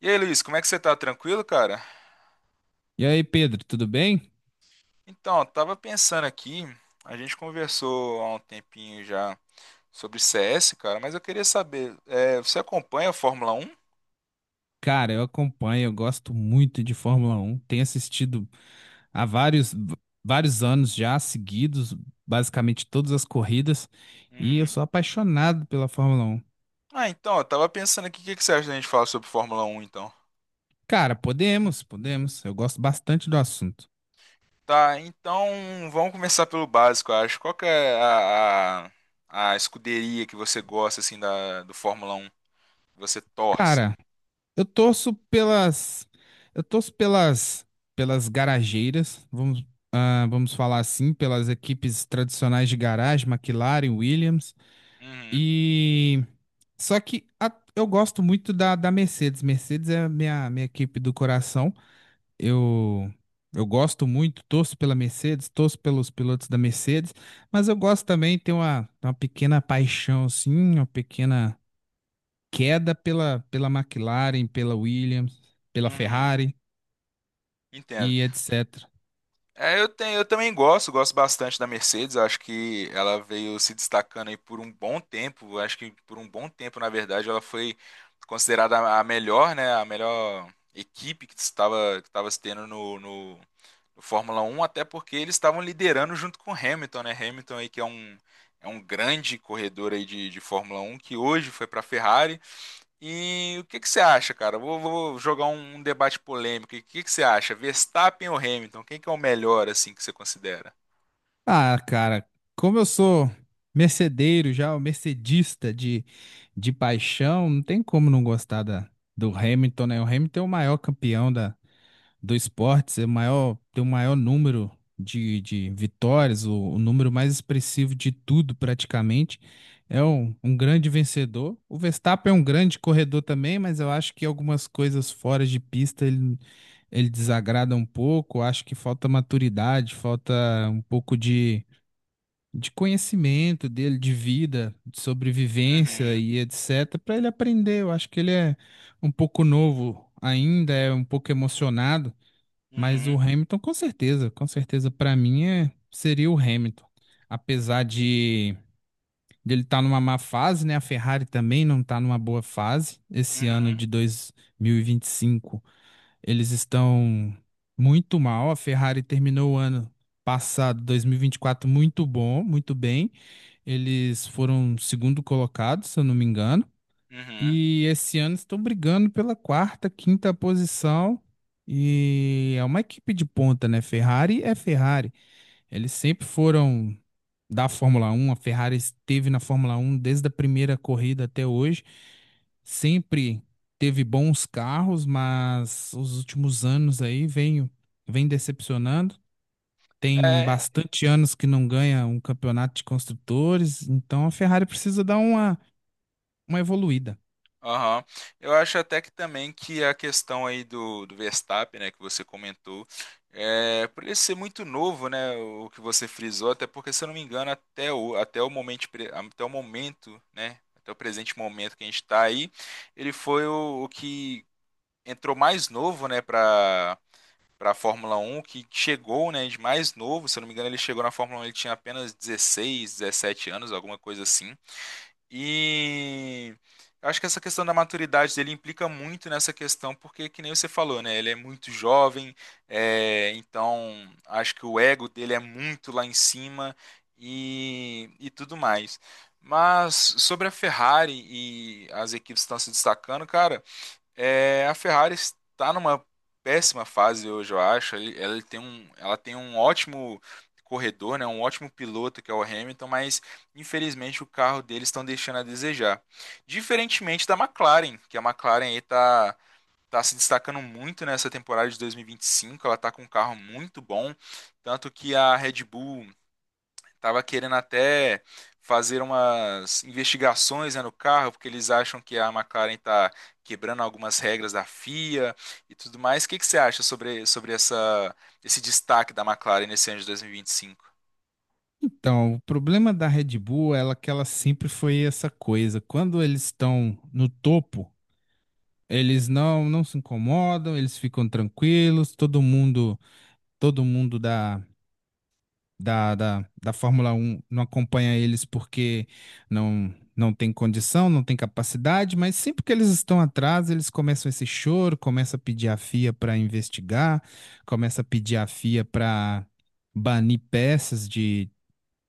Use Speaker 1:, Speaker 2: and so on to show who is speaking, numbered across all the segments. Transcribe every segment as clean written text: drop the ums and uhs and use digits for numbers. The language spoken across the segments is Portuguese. Speaker 1: E aí, Luiz, como é que você tá? Tranquilo, cara?
Speaker 2: E aí, Pedro, tudo bem?
Speaker 1: Então, eu tava pensando aqui, a gente conversou há um tempinho já sobre CS, cara, mas eu queria saber, você acompanha a Fórmula Um?
Speaker 2: Cara, eu gosto muito de Fórmula Um. Tenho assistido há vários anos já seguidos, basicamente todas as corridas, e eu
Speaker 1: Uhum.
Speaker 2: sou apaixonado pela Fórmula Um.
Speaker 1: Ah, então, eu tava pensando aqui, o que que você acha da gente falar sobre Fórmula Um, então?
Speaker 2: Cara, podemos. Eu gosto bastante do assunto.
Speaker 1: Tá, então vamos começar pelo básico, eu acho. Qual que é a escuderia que você gosta, assim, da, do Fórmula Um que você torce?
Speaker 2: Cara, eu torço pelas, eu torço pelas, pelas garageiras, vamos falar assim, pelas equipes tradicionais de garagem, McLaren, Williams.
Speaker 1: Uhum,
Speaker 2: E eu gosto muito da Mercedes. Mercedes é a minha equipe do coração. Eu, eu gosto muito, torço pela Mercedes, torço pelos pilotos da Mercedes, mas eu gosto também, tenho uma pequena paixão, assim, uma pequena queda pela McLaren, pela Williams, pela
Speaker 1: uhum,
Speaker 2: Ferrari
Speaker 1: entendo.
Speaker 2: e etc.
Speaker 1: É, eu também gosto bastante da Mercedes. Acho que ela veio se destacando aí por um bom tempo. Acho que por um bom tempo, na verdade, ela foi considerada a melhor, né? A melhor equipe que estava se tendo no Fórmula Um até porque eles estavam liderando junto com Hamilton, né? Hamilton aí que é um grande corredor aí de Fórmula Um que hoje foi para a Ferrari. E o que que você acha, cara? Vou jogar um debate polêmico. E o que que você acha? Verstappen ou Hamilton? Quem que é o melhor, assim, que você considera?
Speaker 2: Ah, cara, como eu sou mercedeiro já, o mercedista de paixão, não tem como não gostar do Hamilton, né? O Hamilton é o maior campeão do esporte, é o maior, tem o maior número de vitórias, o número mais expressivo de tudo, praticamente. É um grande vencedor. O Verstappen é um grande corredor também, mas eu acho que algumas coisas fora de pista ele desagrada um pouco. Acho que falta maturidade, falta um pouco de conhecimento dele, de vida, de sobrevivência
Speaker 1: Uhum,
Speaker 2: e etc, para ele aprender. Eu acho que ele é um pouco novo ainda, é um pouco emocionado, mas o
Speaker 1: uhum,
Speaker 2: Hamilton com certeza para mim seria o Hamilton. Apesar de dele estar numa má fase, né? A Ferrari também não está numa boa fase. Esse ano
Speaker 1: uhum,
Speaker 2: de 2025, eles estão muito mal. A Ferrari terminou o ano passado, 2024, muito bom, muito bem eles foram segundo colocado, se eu não me engano.
Speaker 1: uhum.
Speaker 2: E esse ano estão brigando pela quarta, quinta posição. E é uma equipe de ponta, né? Ferrari é Ferrari. Eles sempre foram da Fórmula Um. A Ferrari esteve na Fórmula Um desde a primeira corrida até hoje. Sempre teve bons carros, mas os últimos anos aí vem decepcionando. Tem
Speaker 1: É,
Speaker 2: bastante anos que não ganha um campeonato de construtores, então a Ferrari precisa dar uma evoluída.
Speaker 1: aham. Eu acho até que também que a questão aí do Verstappen, né, que você comentou, por ele ser muito novo, né, o que você frisou, até porque, se eu não me engano, até o momento, né, até o presente momento que a gente está aí, ele foi o que entrou mais novo, né, para a Fórmula Um, que chegou, né, de mais novo, se eu não me engano, ele chegou na Fórmula Um, ele tinha apenas 16, 17 anos, alguma coisa assim. E eu acho que essa questão da maturidade dele implica muito nessa questão, porque, que nem você falou, né, ele é muito jovem, então acho que o ego dele é muito lá em cima e tudo mais. Mas sobre a Ferrari e as equipes que estão se destacando, cara, a Ferrari está numa péssima fase hoje, eu acho. Ela tem um ótimo corredor, né? Um ótimo piloto que é o Hamilton, mas infelizmente o carro deles estão deixando a desejar. Diferentemente da McLaren, que a McLaren aí tá se destacando muito nessa temporada de 2025. Ela tá com um carro muito bom, tanto que a Red Bull tava querendo até fazer umas investigações, né, no carro, porque eles acham que a McLaren está quebrando algumas regras da FIA e tudo mais. O que que você acha sobre essa, esse destaque da McLaren nesse ano de 2025?
Speaker 2: Então, o problema da Red Bull é que ela sempre foi essa coisa. Quando eles estão no topo, eles não se incomodam, eles ficam tranquilos, todo mundo dá da Fórmula Um não acompanha eles porque não tem condição, não tem capacidade, mas sempre que eles estão atrás, eles começam esse choro, começa a pedir a FIA para investigar, começa a pedir a FIA para banir peças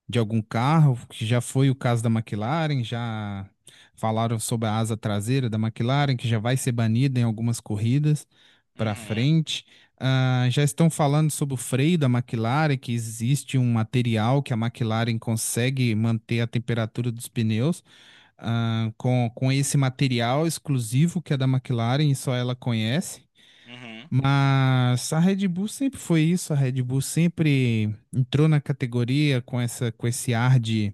Speaker 2: de algum carro, que já foi o caso da McLaren, já falaram sobre a asa traseira da McLaren, que já vai ser banida em algumas corridas para
Speaker 1: Uhum,
Speaker 2: frente. Ah, já estão falando sobre o freio da McLaren, que existe um material que a McLaren consegue manter a temperatura dos pneus, ah, com esse material exclusivo que é da McLaren e só ela conhece.
Speaker 1: uhum,
Speaker 2: Mas a Red Bull sempre foi isso, a Red Bull sempre entrou na categoria com com esse ar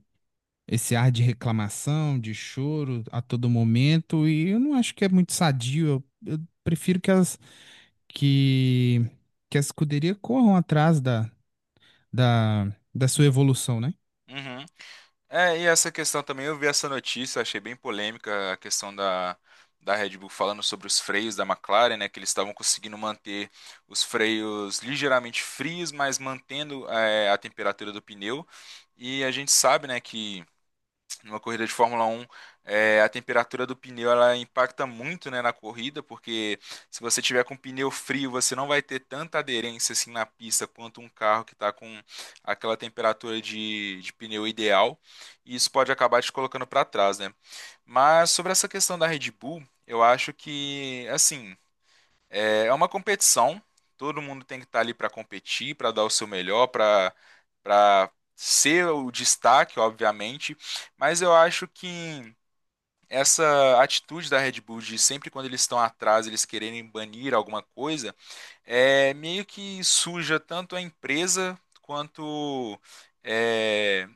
Speaker 2: esse ar de reclamação, de choro a todo momento, e eu não acho que é muito sadio. Eu prefiro que que, que a escuderia corram atrás da, da sua evolução, né?
Speaker 1: uhum. É, e essa questão também, eu vi essa notícia, achei bem polêmica a questão da Red Bull falando sobre os freios da McLaren, né, que eles estavam conseguindo manter os freios ligeiramente frios, mas mantendo a temperatura do pneu. E a gente sabe, né, que numa corrida de Fórmula Um a temperatura do pneu ela impacta muito, né, na corrida, porque se você tiver com pneu frio, você não vai ter tanta aderência assim na pista quanto um carro que está com aquela temperatura de pneu ideal, e isso pode acabar te colocando para trás, né? Mas sobre essa questão da Red Bull, eu acho que, assim, é uma competição, todo mundo tem que estar ali para competir, para dar o seu melhor, para ser o destaque, obviamente, mas eu acho que essa atitude da Red Bull de sempre quando eles estão atrás, eles quererem banir alguma coisa, é meio que suja tanto a empresa quanto é,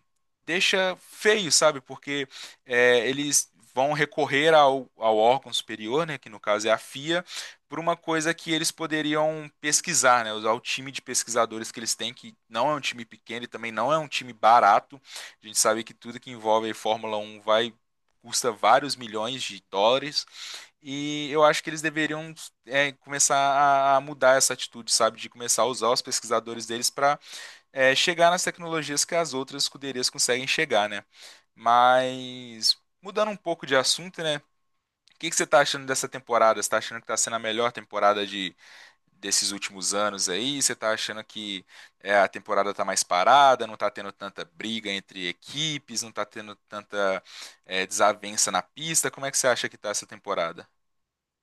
Speaker 1: deixa feio, sabe? Porque eles vão recorrer ao órgão superior, né, que no caso é a FIA, por uma coisa que eles poderiam pesquisar, né, usar o time de pesquisadores que eles têm, que não é um time pequeno e também não é um time barato. A gente sabe que tudo que envolve a Fórmula Um vai custa vários milhões de dólares e eu acho que eles deveriam começar a mudar essa atitude, sabe, de começar a usar os pesquisadores deles para chegar nas tecnologias que as outras escuderias conseguem chegar, né? Mas mudando um pouco de assunto, né? O que que você tá achando dessa temporada? Você tá achando que tá sendo a melhor temporada de desses últimos anos aí? Você tá achando que a temporada tá mais parada, não tá tendo tanta briga entre equipes, não tá tendo tanta desavença na pista? Como é que você acha que tá essa temporada?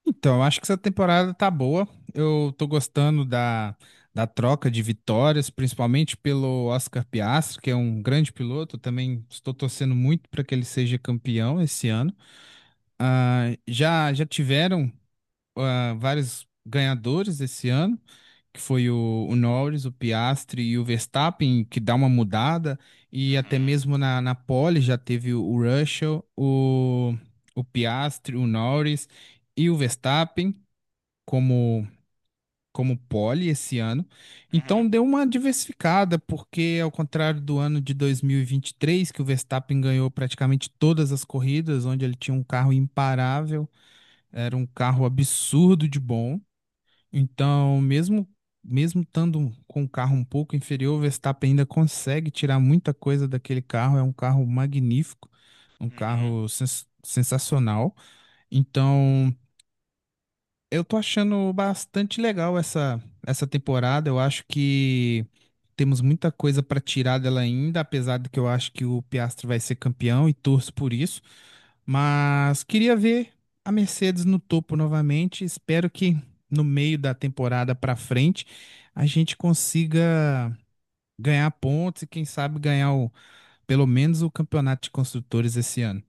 Speaker 2: Então, eu acho que essa temporada tá boa. Eu tô gostando da troca de vitórias, principalmente pelo Oscar Piastri, que é um grande piloto. Eu também estou torcendo muito para que ele seja campeão esse ano. Ah, já tiveram, ah, vários ganhadores esse ano, que foi o Norris, o Piastri e o Verstappen, que dá uma mudada. E até
Speaker 1: Uhum,
Speaker 2: mesmo na pole já teve o Russell, o Piastri, o Norris e o Verstappen como pole esse ano. Então
Speaker 1: uhum,
Speaker 2: deu uma diversificada, porque ao contrário do ano de dois mil e vinte e três que o Verstappen ganhou praticamente todas as corridas, onde ele tinha um carro imparável, era um carro absurdo de bom. Então, mesmo estando com um carro um pouco inferior, o Verstappen ainda consegue tirar muita coisa daquele carro, é um carro magnífico, um
Speaker 1: uhum.
Speaker 2: carro sensacional. Então, eu tô achando bastante legal essa temporada. Eu acho que temos muita coisa para tirar dela ainda, apesar de que eu acho que o Piastri vai ser campeão e torço por isso. Mas queria ver a Mercedes no topo novamente. Espero que no meio da temporada para frente a gente consiga ganhar pontos e quem sabe ganhar pelo menos o campeonato de construtores esse ano.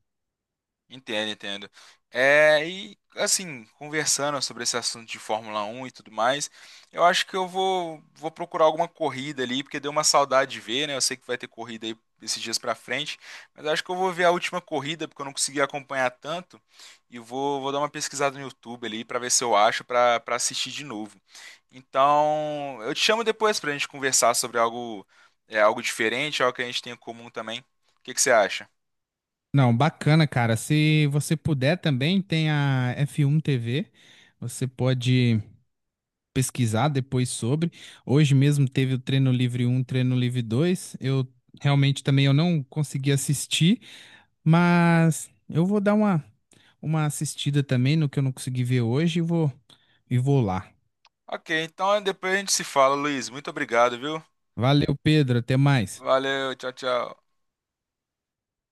Speaker 1: Entendo, entendo. É, e assim, conversando sobre esse assunto de Fórmula 1 e tudo mais, eu acho que eu vou procurar alguma corrida ali, porque deu uma saudade de ver, né? Eu sei que vai ter corrida aí esses dias pra frente, mas eu acho que eu vou ver a última corrida, porque eu não consegui acompanhar tanto, e vou dar uma pesquisada no YouTube ali pra ver se eu acho pra para assistir de novo. Então, eu te chamo depois pra gente conversar sobre algo, algo diferente, algo que a gente tem em comum também. O que que você acha?
Speaker 2: Não, bacana, cara. Se você puder também, tem a F1 TV. Você pode pesquisar depois sobre. Hoje mesmo teve o treino livre um, treino livre 2. Eu realmente também eu não consegui assistir, mas eu vou dar uma assistida também no que eu não consegui ver hoje e vou lá.
Speaker 1: Ok, então depois a gente se fala, Luiz. Muito obrigado, viu?
Speaker 2: Valeu, Pedro. Até mais.
Speaker 1: Valeu, tchau, tchau.